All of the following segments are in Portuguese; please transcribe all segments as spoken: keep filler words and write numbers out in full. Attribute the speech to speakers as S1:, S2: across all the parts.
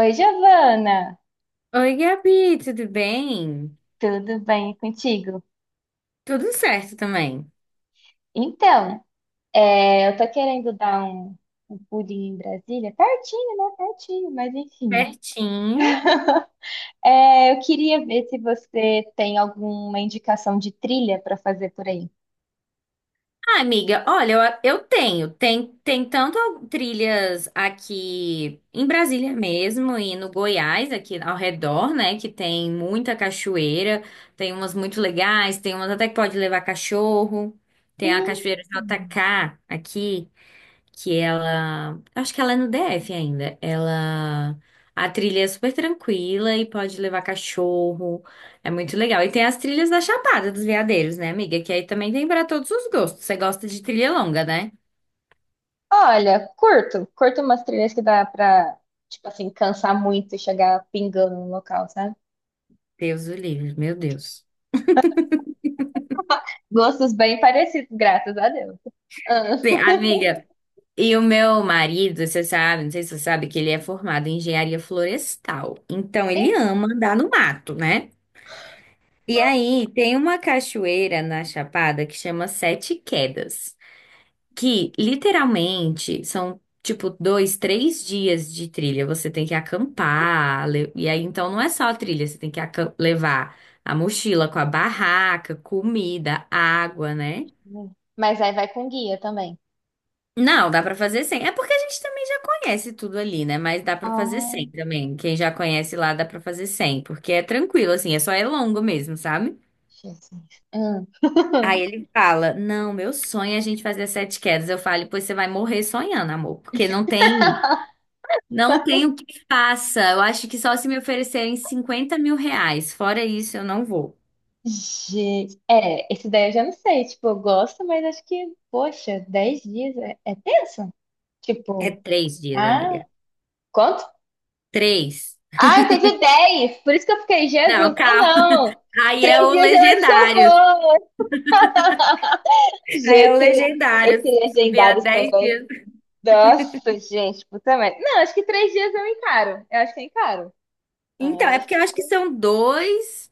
S1: Oi, Giovana!
S2: Oi, Gabi, tudo bem?
S1: Tudo bem contigo?
S2: Tudo certo também.
S1: Então, é, eu tô querendo dar um, um pulinho em Brasília, pertinho, né? Pertinho, mas enfim.
S2: Certinho.
S1: É, eu queria ver se você tem alguma indicação de trilha para fazer por aí.
S2: Ah, amiga, olha, eu, eu tenho. Tem, tem tanto trilhas aqui em Brasília mesmo e no Goiás, aqui ao redor, né? Que tem muita cachoeira. Tem umas muito legais, tem umas até que pode levar cachorro. Tem a
S1: Hum.
S2: Cachoeira jota ka aqui, que ela, acho que ela é no dê efe ainda. Ela, a trilha é super tranquila e pode levar cachorro. É muito legal. E tem as trilhas da Chapada dos Veadeiros, né, amiga? Que aí também tem para todos os gostos. Você gosta de trilha longa, né?
S1: Olha, curto, curto umas trilhas que dá pra, tipo assim, cansar muito e chegar pingando no local, sabe?
S2: Deus o livre, meu Deus.
S1: Gostos bem parecidos, graças a Deus. Ah.
S2: Sim, amiga, e o meu marido, você sabe, não sei se você sabe que ele é formado em engenharia florestal. Então ele
S1: E-
S2: ama andar no mato, né? E aí, tem uma cachoeira na Chapada que chama Sete Quedas, que literalmente são tipo dois, três dias de trilha. Você tem que acampar, le- e aí então não é só a trilha, você tem que acam- levar a mochila com a barraca, comida, água, né?
S1: Mas aí vai com guia também.
S2: Não, dá pra fazer sem. É porque a gente também já conhece tudo ali, né? Mas dá pra fazer
S1: Oh,
S2: sem também. Quem já conhece lá dá pra fazer sem, porque é tranquilo assim, é só é longo mesmo, sabe?
S1: Jesus. Hum.
S2: Aí ele fala: "Não, meu sonho é a gente fazer sete quedas". Eu falo: "Pois você vai morrer sonhando, amor, porque não tem. Não tenho que faça. Eu acho que só se me oferecerem cinquenta mil reais. Fora isso, eu não vou."
S1: Gente, é, esse daí eu já não sei. Tipo, eu gosto, mas acho que, poxa, dez dias é, é tenso?
S2: É
S1: Tipo,
S2: três dias, amiga.
S1: ah, quanto?
S2: Três.
S1: Ah, eu entendi dez, por isso que eu fiquei, Jesus.
S2: Não,
S1: Ah,
S2: calma.
S1: não!
S2: Aí é
S1: Três
S2: o
S1: dias eu acho que eu
S2: legendário.
S1: vou.
S2: Aí é o
S1: Gente,
S2: legendário.
S1: esse
S2: Subir a
S1: legendários
S2: dez
S1: também.
S2: dias.
S1: Nossa, gente, puta merda. Não, acho que três dias eu encaro. Eu acho que eu encaro.
S2: Então,
S1: Ah,
S2: é
S1: acho...
S2: porque eu acho que são dois.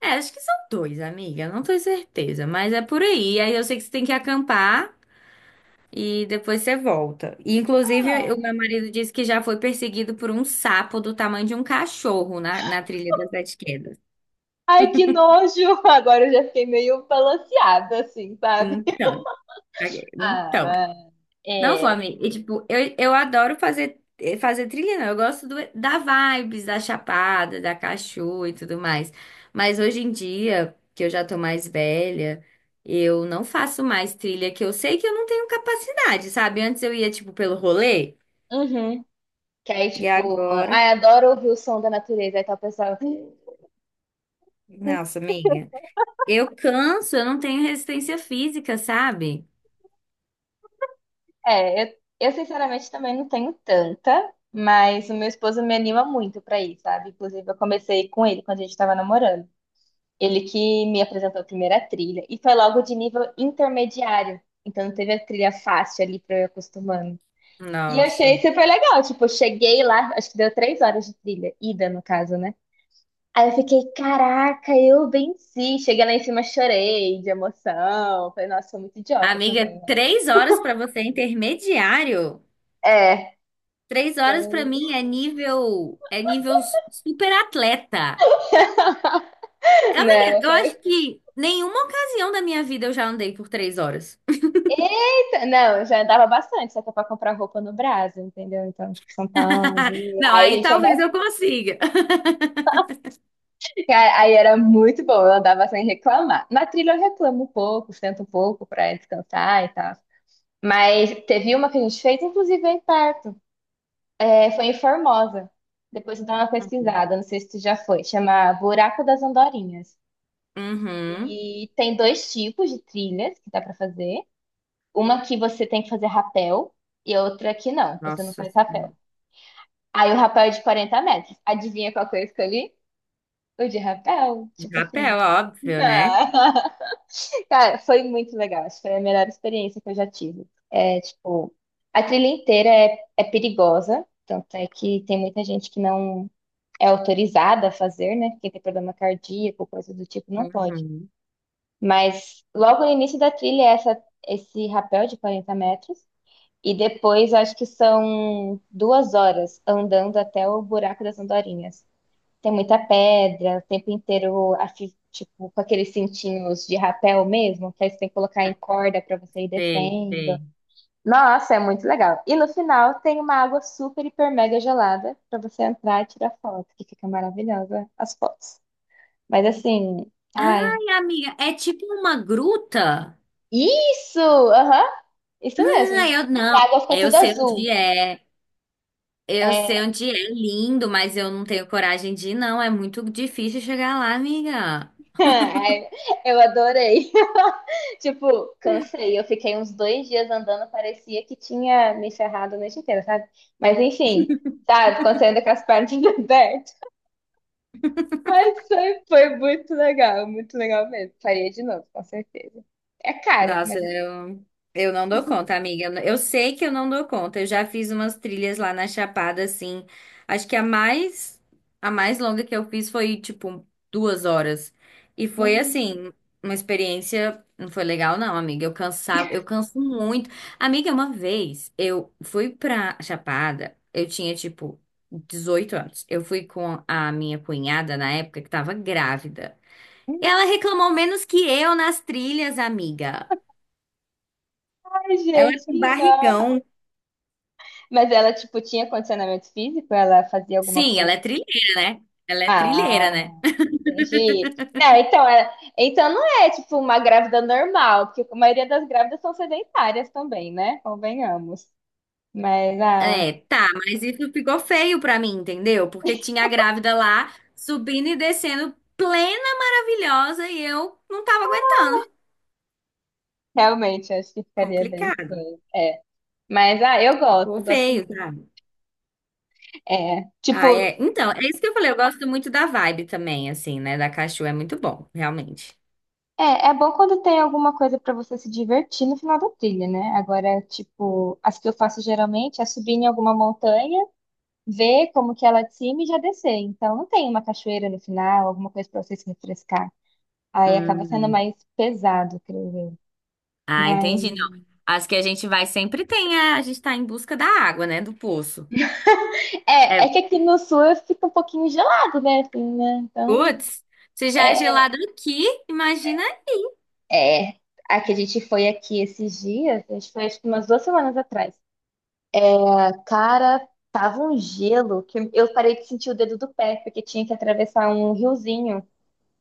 S2: É, acho que são dois, amiga. Eu não tenho certeza, mas é por aí. Aí eu sei que você tem que acampar e depois você volta. E, inclusive, o
S1: que-
S2: meu marido disse que já foi perseguido por um sapo do tamanho de um cachorro na, na trilha das Sete.
S1: Ai, que nojo! Agora eu já fiquei meio balanceada, assim, sabe?
S2: Então, aí- então.
S1: Ah,
S2: Não,
S1: é.
S2: fome. E, tipo, eu, eu adoro fazer, eh, fazer trilha, não. Eu gosto do- da vibes, da chapada, da cachoeira e tudo mais. Mas hoje em dia, que eu já tô mais velha, eu não faço mais trilha, que eu sei que eu não tenho capacidade, sabe? Antes eu ia, tipo, pelo rolê,
S1: Uhum. Que aí,
S2: e
S1: tipo,
S2: agora.
S1: ai, adoro ouvir o som da natureza. Aí tal pessoa.
S2: Nossa, amiga. Eu canso, eu não tenho resistência física, sabe?
S1: É, eu, eu sinceramente também não tenho tanta, mas o meu esposo me anima muito pra ir, sabe? Inclusive, eu comecei com ele quando a gente tava namorando. Ele que me apresentou a primeira trilha e foi logo de nível intermediário. Então, não teve a trilha fácil ali pra eu ir acostumando. E eu achei
S2: Nossa.
S1: super legal. Tipo, eu cheguei lá, acho que deu três horas de trilha, ida no caso, né? Aí eu fiquei, caraca, eu venci. Cheguei lá em cima, chorei de emoção. Falei, nossa, sou muito idiota
S2: Amiga,
S1: também, né?
S2: três horas pra você é intermediário.
S1: É.
S2: Três horas pra
S1: Então,
S2: mim é nível, é nível super atleta. Amiga,
S1: Não,
S2: eu
S1: foi.
S2: acho que nenhuma ocasião da minha vida eu já andei por três horas.
S1: Eita, não, eu já andava bastante, só que é pra comprar roupa no Brasil, entendeu? Então, tipo, São Paulo. Rio.
S2: Não,
S1: Aí a
S2: aí
S1: gente
S2: talvez
S1: andava.
S2: eu consiga.
S1: Cara, aí era muito bom, eu andava sem reclamar. Na trilha eu reclamo um pouco, sento um pouco pra descansar e tal. Mas teve uma que a gente fez, inclusive aí perto. É, foi em Formosa. Depois eu dou uma pesquisada, não sei se tu já foi. Chama Buraco das Andorinhas.
S2: Uhum.
S1: E tem dois tipos de trilhas que dá pra fazer. Uma que você tem que fazer rapel e outra que não, que você não
S2: Nossa
S1: faz rapel.
S2: Senhora.
S1: Aí o rapel é de quarenta metros. Adivinha qual que eu escolhi? O de rapel.
S2: De
S1: Tipo assim.
S2: rapel, óbvio, né?
S1: Cara, foi muito legal. Acho que foi a melhor experiência que eu já tive. É, tipo, a trilha inteira é, é perigosa, tanto é que tem muita gente que não é autorizada a fazer, né? Quem tem problema cardíaco, coisa do tipo, não pode.
S2: Uhum.
S1: Mas logo no início da trilha é essa, esse rapel de quarenta metros. E depois acho que são duas horas andando até o buraco das andorinhas. Tem muita pedra, o tempo inteiro, afi- tipo, com aqueles cintinhos de rapel mesmo, que aí você tem que colocar
S2: É,
S1: em corda pra você ir
S2: sei,
S1: descendo.
S2: sei.
S1: Nossa, é muito legal. E no final tem uma água super, hiper, mega gelada pra você entrar e tirar foto, que fica maravilhosa as fotos. Mas assim, ai.
S2: Ai, amiga, é tipo uma gruta?
S1: Isso! Aham, isso
S2: Ah,
S1: mesmo.
S2: eu
S1: E a
S2: não.
S1: água fica
S2: Eu
S1: tudo
S2: sei
S1: azul.
S2: onde é. Eu sei
S1: É,
S2: onde é lindo, mas eu não tenho coragem de ir, não. É muito difícil chegar lá, amiga.
S1: ai, eu adorei. Tipo, cansei. Eu fiquei uns dois dias andando, parecia que tinha me ferrado a noite inteira, sabe? Mas enfim, sabe? Quando você anda com as pernas abertas. Mas foi, foi muito legal, muito legal mesmo. Faria de novo, com certeza. É caro, mas.
S2: Nossa, eu, eu não dou conta, amiga. Eu, eu sei que eu não dou conta. Eu já fiz umas trilhas lá na Chapada, assim. Acho que a mais, a mais longa que eu fiz foi, tipo, duas horas. E foi,
S1: Hum.
S2: assim, uma experiência. Não foi legal, não, amiga. Eu cansava, eu canso muito. Amiga, uma vez eu fui pra Chapada, eu tinha, tipo, dezoito anos. Eu fui com a minha cunhada na época que tava grávida. Ela reclamou menos que eu nas trilhas, amiga.
S1: Ai,
S2: Ela é
S1: gente,
S2: com
S1: que dó.
S2: barrigão.
S1: Mas ela, tipo, tinha condicionamento físico? Ela fazia alguma
S2: Sim, ela
S1: coisa?
S2: é trilheira, né? Ela é trilheira, né?
S1: Ah. Entendi. Não, então, é, então não é tipo uma grávida normal, porque a maioria das grávidas são sedentárias também, né? Convenhamos. Mas ah,
S2: É, tá, mas isso ficou feio pra mim, entendeu? Porque tinha a grávida lá subindo e descendo, plena, maravilhosa, e eu não tava aguentando.
S1: realmente acho que ficaria bem
S2: Complicado,
S1: estranho. É. Mas ah, eu gosto,
S2: ficou
S1: gosto
S2: feio,
S1: muito.
S2: sabe?
S1: É,
S2: Ah,
S1: tipo,
S2: é. Então, é isso que eu falei, eu gosto muito da vibe também, assim, né? Da Cachua é muito bom, realmente.
S1: é, é bom quando tem alguma coisa pra você se divertir no final da trilha, né? Agora, tipo, as que eu faço geralmente é subir em alguma montanha, ver como que ela é de cima e já descer. Então não tem uma cachoeira no final, alguma coisa pra você se refrescar. Aí acaba sendo
S2: Hum.
S1: mais pesado, creio eu.
S2: Ah,
S1: Mas
S2: entendi. Não. As que a gente vai sempre tem, a, a gente tá em busca da água, né? Do poço.
S1: é, é
S2: É,
S1: que aqui no sul fica um pouquinho gelado, né? Assim, né? Então,
S2: putz, se já é
S1: é,
S2: gelado aqui, imagina.
S1: é. A que a gente foi aqui esses dias, a gente foi acho que umas duas semanas atrás. A cara tava um gelo que eu parei de sentir o dedo do pé, porque tinha que atravessar um riozinho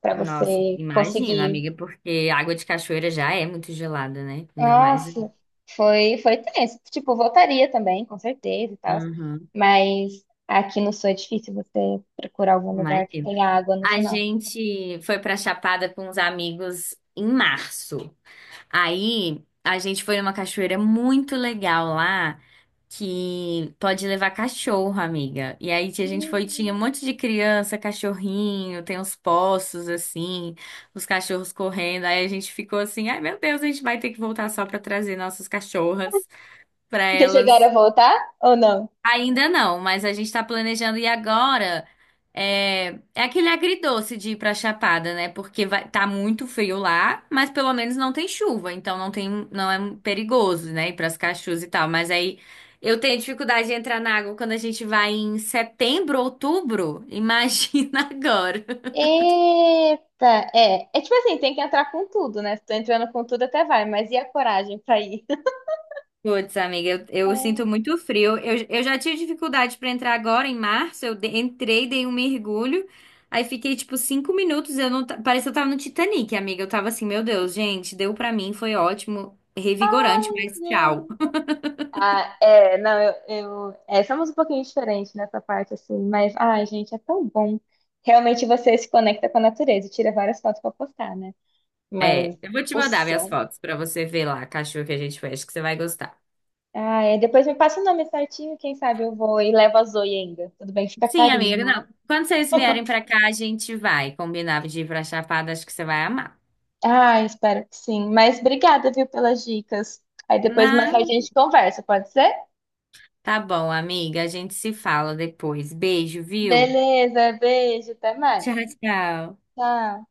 S1: para
S2: Nossa,
S1: você
S2: imagina,
S1: conseguir.
S2: amiga, porque água de cachoeira já é muito gelada, né? Ainda mais.
S1: Nossa, foi, foi tenso. Tipo, voltaria também, com certeza e tal.
S2: Uhum,
S1: Mas aqui no sul é difícil você procurar algum lugar que
S2: imagina.
S1: tenha água no
S2: A
S1: final.
S2: gente foi pra Chapada com uns amigos em março. Aí a gente foi numa cachoeira muito legal lá, que pode levar cachorro, amiga. E aí a gente foi,
S1: Hum.
S2: tinha um monte de criança, cachorrinho, tem uns poços assim, os cachorros correndo. Aí a gente ficou assim, ai meu Deus, a gente vai ter que voltar só pra trazer nossas cachorras pra
S1: Vocês chegaram
S2: elas.
S1: a voltar ou não?
S2: Ainda não, mas a gente tá planejando ir agora. É, é aquele agridoce de ir pra Chapada, né? Porque vai, tá muito frio lá, mas pelo menos não tem chuva, então não tem, não é perigoso, né? Ir pras cachoeiras e tal. Mas aí eu tenho dificuldade de entrar na água quando a gente vai em setembro, outubro. Imagina agora.
S1: Eita, é. É tipo assim, tem que entrar com tudo, né? Se tô entrando com tudo até vai, mas e a coragem pra ir?
S2: Putz, amiga, eu, eu sinto muito frio. Eu, eu já tive dificuldade para entrar agora em março. Eu de- entrei, dei um mergulho, aí fiquei tipo cinco minutos. Eu não, ta- parecia que eu tava no Titanic, amiga. Eu tava assim, meu Deus, gente, deu pra mim, foi ótimo, revigorante, mas tchau.
S1: É. Ah, é, não, eu, eu é, somos um pouquinho diferentes nessa parte, assim, mas, ai, gente, é tão bom. Realmente você se conecta com a natureza, e tira várias fotos pra postar, né? Mas
S2: É, eu vou te
S1: o
S2: mandar minhas
S1: som.
S2: fotos pra você ver lá a cachorro que a gente fez, que você vai gostar.
S1: Ah, é, depois me passa o nome certinho, quem sabe eu vou e levo a Zoe ainda. Tudo bem, fica
S2: Sim,
S1: carinho.
S2: amiga, não. Quando vocês vierem pra cá, a gente vai combinar de ir pra Chapada, acho que você vai amar.
S1: Ah, espero que sim. Mas obrigada, viu, pelas dicas. Aí depois mais tarde
S2: Não,
S1: a gente conversa, pode ser?
S2: tá bom, amiga, a gente se fala depois. Beijo, viu?
S1: Beleza, beijo, até mais.
S2: Tchau, tchau.
S1: Tchau.